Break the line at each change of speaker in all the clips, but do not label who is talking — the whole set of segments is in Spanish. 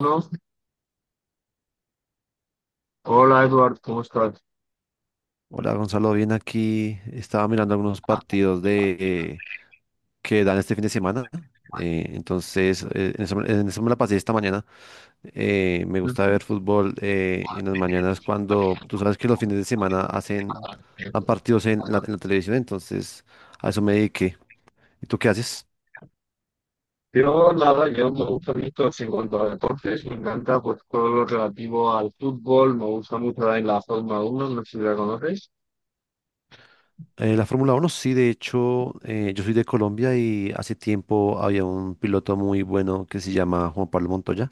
No. Hola, Eduardo, ¿cómo estás?
Hola Gonzalo, bien aquí. Estaba mirando algunos partidos de que dan este fin de semana. En eso me la pasé esta mañana. Me gusta
Ujú.
ver fútbol en las mañanas cuando tú sabes que los fines de semana hacen dan partidos en en la televisión. Entonces, a eso me dediqué. ¿Y tú qué haces?
Yo nada, yo me gusta mucho así, en cuanto a deportes, me encanta pues todo lo relativo al fútbol, me gusta mucho la Fórmula 1, no sé si la conoces.
La Fórmula Uno sí, de hecho, yo soy de Colombia y hace tiempo había un piloto muy bueno que se llama Juan Pablo Montoya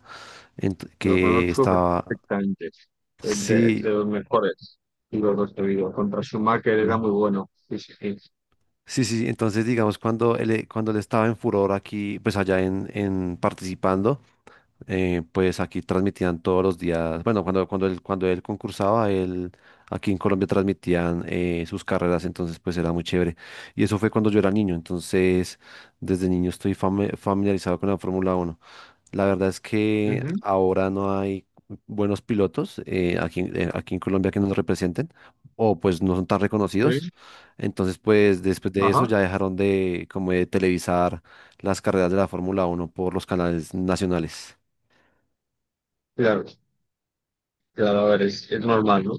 Lo
que
conozco
estaba,
perfectamente, es de,
sí,
de los mejores y los dos que he vivido. Contra Schumacher era muy bueno, sí, sí, sí.
sí, sí, sí. Entonces digamos cuando él estaba en furor aquí, pues en participando, pues aquí transmitían todos los días, bueno, cuando él concursaba, él aquí en Colombia transmitían sus carreras, entonces pues era muy chévere. Y eso fue cuando yo era niño, entonces desde niño estoy familiarizado con la Fórmula Uno. La verdad es que
Ujú,
ahora no hay buenos pilotos aquí en Colombia que nos representen o pues no son tan reconocidos.
sí.
Entonces pues después de eso
Ajá,
ya dejaron de como de televisar las carreras de la Fórmula Uno por los canales nacionales.
claro, claro, a ver, es normal, ¿no?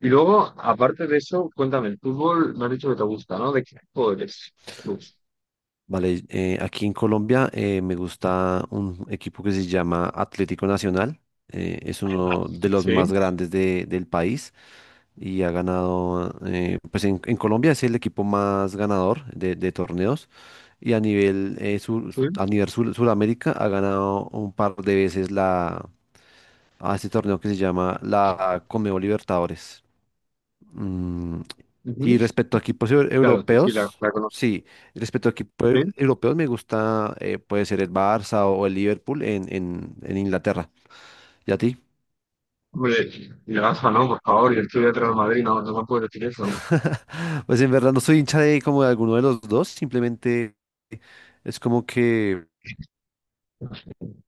Y luego, aparte de eso, cuéntame, el fútbol me has dicho que te gusta, ¿no? ¿De qué equipo eres? Pues.
Vale, aquí en Colombia me gusta un equipo que se llama Atlético Nacional. Eh, es
Ah.
uno de los
Sí,
más grandes del país y ha ganado, pues en Colombia es el equipo más ganador de torneos y a nivel,
sí.
a nivel Suramérica ha ganado un par de veces la, a este torneo que se llama la Conmebol Libertadores. Mm, y
Ujú.
respecto a equipos
Claro, sí, sí, la,
europeos,
la conozco.
sí, respecto a equipos
Sí.
europeos me gusta, puede ser el Barça o el Liverpool en Inglaterra. ¿Y a ti?
Hombre, y el Barça no, por favor, yo estoy de Real Madrid, no, no me puedo decir eso.
Pues en verdad no soy hincha de como de alguno de los dos, simplemente es como que...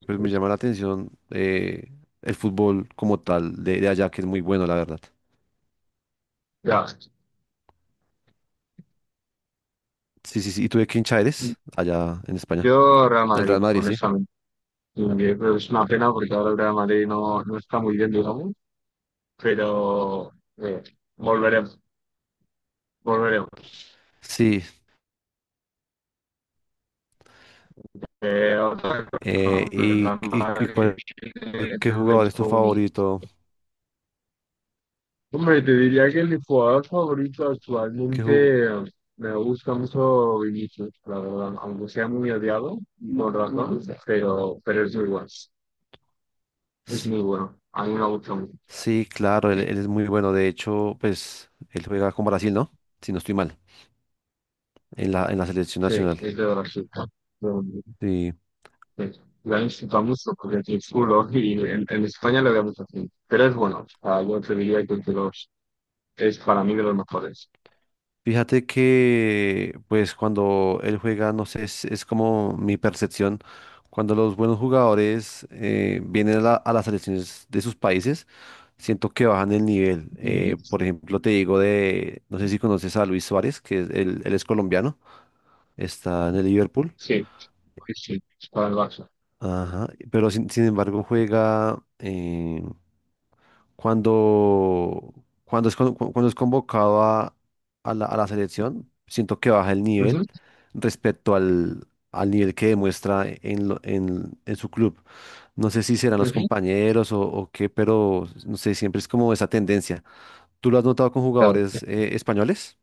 Pues me llama la atención el fútbol como tal de allá, que es muy bueno, la verdad.
Ya,
Sí, sí, sí. ¿Y tú de qué hincha eres? Allá en España.
yo Real
¿Del
Madrid,
Real Madrid, sí?
honestamente. Y yo creo que es una pena porque ahora el Real Madrid no está muy bien, digamos, pero eh, volveremos, volveremos.
Sí.
Otra cosa,
eh,
¿no? El
y,
Real
y- y
Madrid
cuál- ¿Qué
tiene un
jugador es tu
equipo único.
favorito?
Hombre, te diría que mi jugador favorito
¿Qué ju-
actualmente me gusta mucho Vinicius, la verdad, aunque sea muy odiado, por razón, pero es
S-
muy bueno, a mí me gusta mucho.
Sí, claro, él es muy bueno. De hecho, pues él juega con Brasil, ¿no? Si no estoy mal, en en la selección
Sí,
nacional.
es de Brasil. Pero,
Sí.
sí, la disfruta mucho porque aquí es culo y en España le vemos así, pero es bueno, o sea, yo te diría que es para mí de los mejores.
Fíjate que, pues, cuando él juega, no sé, es como mi percepción, cuando los buenos jugadores vienen a, a las selecciones de sus países, siento que bajan el nivel.
Ujú.
Por ejemplo, te digo de, no sé si conoces a Luis Suárez, que es, él es colombiano, está en el Liverpool,
Sí, sí, sí, es para el Barça.
ajá, pero sin embargo juega, cuando, cuando es, cuando es convocado a a la selección, siento que baja el nivel
Ujú,
respecto al nivel que demuestra en, en su club. No sé si serán los
ujú,
compañeros o qué, pero no sé, siempre es como esa tendencia. ¿Tú lo has notado con
claro.
jugadores españoles?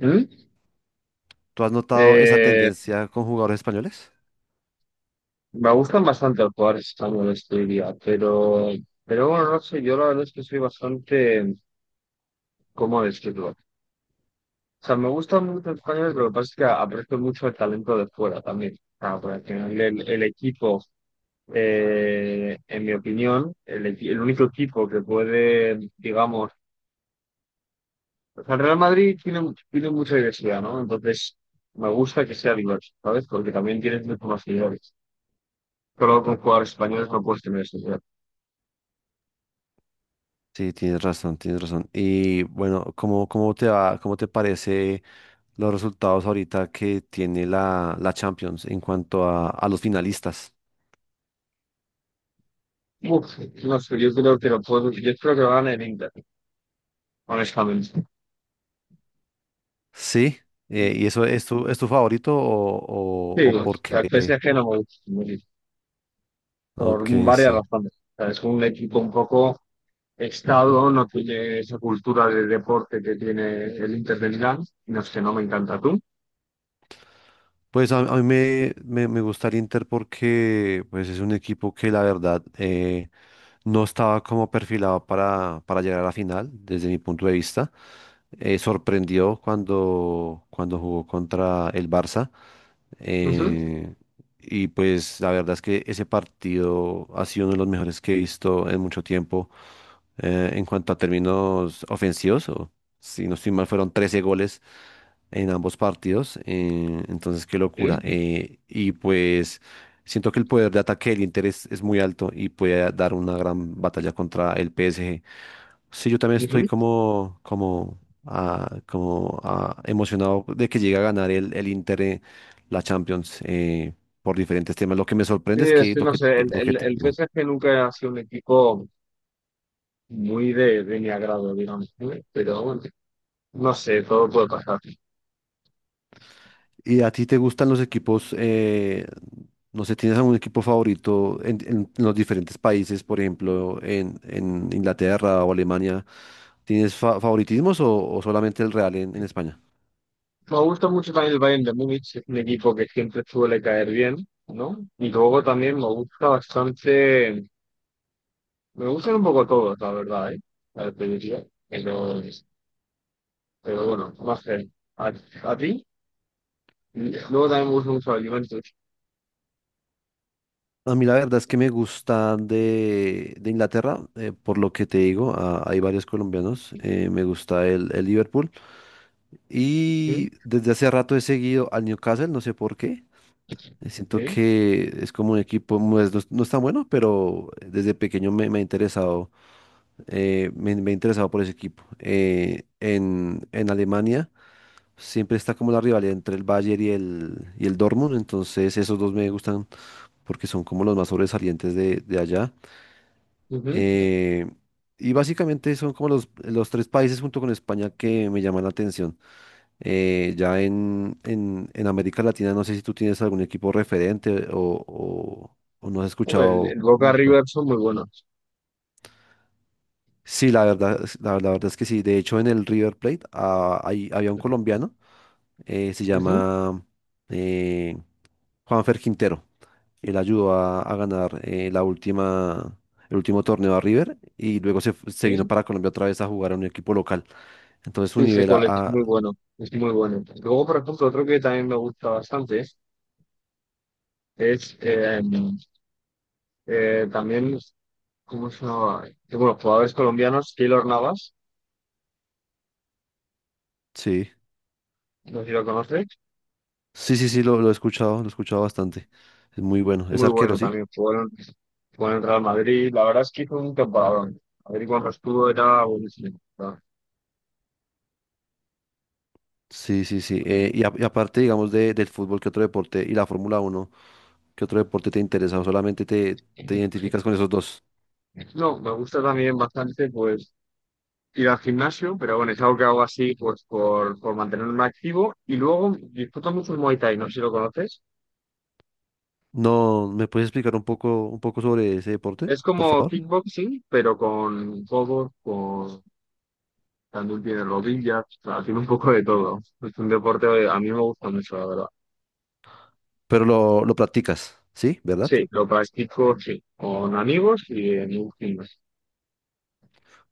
Ujú.
¿Tú has notado esa
Eh,
tendencia con jugadores españoles?
Me gustan bastante los jugadores españoles, te diría, pero bueno, no sé, yo la verdad es que soy bastante, ¿cómo decirlo? O sea, me gustan mucho los españoles, pero lo que pasa es que aprecio mucho el talento de fuera también. O sea, porque al final el equipo, en mi opinión, el único equipo que puede, digamos, o sea, el Real Madrid tiene mucha diversidad, ¿no? Entonces, me gusta que sea diverso, ¿sabes? Porque también tienes muchos más seguidores. Solo con jugadores españoles no puedes tener eso.
Sí, tienes razón, tienes razón. Y bueno, ¿cómo, cómo te va, cómo te parece los resultados ahorita que tiene la Champions en cuanto a los finalistas?
Uf, no sé, yo creo que lo puedo, yo espero que lo gane el Inter, honestamente.
Sí, ¿y eso es es tu favorito
Sí,
o por qué?
el PSG no me gusta mucho por
Ok,
varias
sí.
razones. O sea, es un equipo un poco estado, no tiene esa cultura de deporte que tiene el Inter de Milán, no sé, no me encanta tú.
Pues a me gusta el Inter porque pues, es un equipo que la verdad no estaba como perfilado para llegar a la final, desde mi punto de vista. Sorprendió cuando jugó contra el Barça.
Ujú.
Eh, y pues la verdad es que ese partido ha sido uno de los mejores que he visto en mucho tiempo en cuanto a términos ofensivos. O, si no estoy mal, fueron 13 goles en ambos partidos. Eh, entonces, qué locura.
Sí,
Eh, y pues siento que el poder de ataque del Inter es muy alto y puede dar una gran batalla contra el PSG. Sí, yo también estoy
ujú.
como emocionado de que llegue a ganar el Inter la Champions por diferentes temas. Lo que me
Sí,
sorprende es
es
que
que
lo
no
que,
sé, el,
lo que
el,
te
el
digo.
PSG nunca ha sido un equipo muy de mi agrado, digamos, ¿eh? Pero bueno, no sé, todo puede pasar.
¿Y a ti te gustan los equipos? Eh, no sé, ¿tienes algún equipo favorito en los diferentes países? Por ejemplo, en Inglaterra o Alemania. ¿Tienes favoritismos o solamente el Real en España?
Me gusta mucho también el Bayern de Múnich, es un equipo que siempre suele caer bien, ¿no? Y luego también me gusta bastante, me gustan un poco todos, la verdad, ¿eh? A ver, te diría. Pero bueno, más sé. ¿A, a ti? Luego también me gustan mucho los Juventus.
A mí la verdad es que me gusta de Inglaterra, por lo que te digo, ah, hay varios colombianos, me gusta el Liverpool
¿Sí?
y desde hace rato he seguido al Newcastle, no sé por qué, siento
¿Sí?
que es como un equipo, no es tan bueno, pero desde pequeño me ha interesado, me he interesado por ese equipo. En Alemania siempre está como la rivalidad entre el Bayern y y el Dortmund, entonces esos dos me gustan porque son como los más sobresalientes de allá.
Ujú.
Eh, y básicamente son como los tres países junto con España que me llaman la atención. Ya en América Latina no sé si tú tienes algún equipo referente o no has
Hombre, el,
escuchado
el Boca
mucho.
River son muy buenos.
Sí, la verdad, la verdad es que sí. De hecho, en el River Plate ah, había un colombiano, se
Ujú.
llama eh, Juanfer Quintero. Él ayudó a ganar el último torneo a River y luego se, se vino
Sí,
para Colombia otra vez a jugar a un equipo local. Entonces su
sí, sé
nivel
cuál es muy bueno, es muy bueno. Luego, por ejemplo, otro que también me gusta bastante es también. ¿Cómo se llamaba? Bueno, jugadores colombianos, Keylor Navas,
sí,
no sé si lo conoces,
sí, sí, sí, lo he escuchado bastante. Es muy bueno. Es
muy
arquero,
bueno
sí.
también, jugó en el Real Madrid, la verdad es que hizo un temporadón. Madrid cuando estuvo era buenísimo, la
Sí, sí, sí.
verdad.
Y aparte, digamos, de, del fútbol, ¿qué otro deporte? Y la Fórmula Uno, ¿qué otro deporte te interesa? ¿O solamente te
Sí.
identificas con esos dos?
No, me gusta también bastante pues ir al gimnasio, pero bueno, es algo que hago así pues por mantenerme activo y luego disfruto mucho el Muay Thai, no sé si lo conoces.
No, ¿me puedes explicar un poco sobre ese deporte,
Es
por
como
favor?
kickboxing, pero con codos. También tiene rodillas, o sea, tiene un poco de todo. Es un deporte que a mí me gusta mucho, la verdad.
Pero lo practicas, ¿sí? ¿Verdad?
Sí, lo practico, sí, con amigos y en un gimnasio.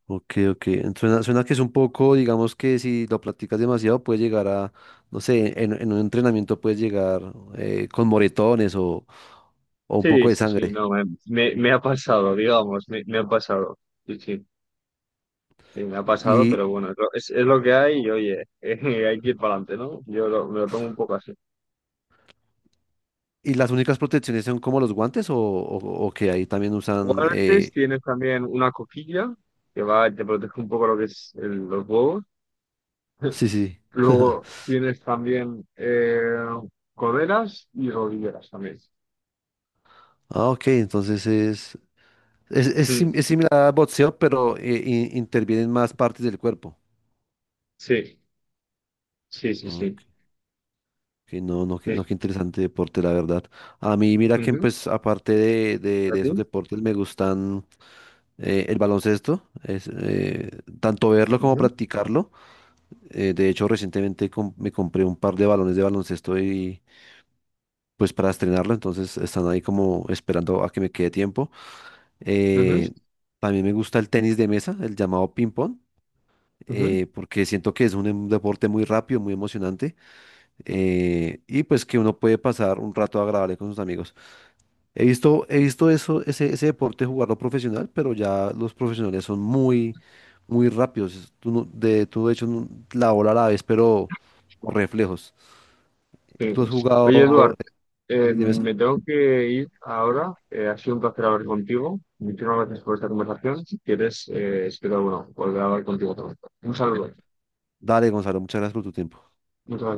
Ok, ok. Suena, suena que es un poco, digamos que si lo practicas demasiado, puede llegar a, no sé, en un entrenamiento puedes llegar con moretones o un poco
Sí,
de
sí, sí,
sangre.
no, me ha pasado, digamos, me ha pasado. Sí, sí, sí, me ha pasado,
¿Y,
pero bueno, es lo que hay y oye, hay que ir para adelante, ¿no? Yo me lo tomo un poco así.
y las únicas protecciones son como los guantes o que ahí también usan?
Guantes,
Eh,
tienes también una coquilla que va, te protege un poco lo que es los huevos.
sí, sí.
Luego tienes también coderas y rodilleras también.
Ah, ok, entonces es,
Mm.
es similar a boxeo, pero intervienen más partes del cuerpo.
Sí, sí, sí,
Ok.
sí.
Que no, no, que no,
Sí.
qué interesante deporte, la verdad. A mí, mira que
Ujú.
pues aparte
¿A
de esos
ti?
deportes me gustan el baloncesto, tanto verlo como
Ujú,
practicarlo. De hecho, recientemente me compré un par de balones de baloncesto y pues para estrenarlo, entonces están ahí como esperando a que me quede tiempo.
ujú,
Eh, también me gusta el tenis de mesa, el llamado ping pong,
ujú.
porque siento que es un deporte muy rápido, muy emocionante y pues que uno puede pasar un rato agradable con sus amigos. He visto eso, ese deporte jugarlo profesional, pero ya los profesionales son muy, muy rápidos. Tú de hecho, no- la bola a la vez, pero con reflejos.
Sí,
¿Tú has
pues. Oye,
jugado
Eduard,
eh, tenis de mesa?
me tengo que ir ahora. Ha sido un placer hablar contigo. Muchísimas gracias por esta conversación. Si quieres, espero bueno, volver a hablar contigo otra vez. Un saludo.
Dale, Gonzalo, muchas gracias por tu tiempo.
Muchas gracias.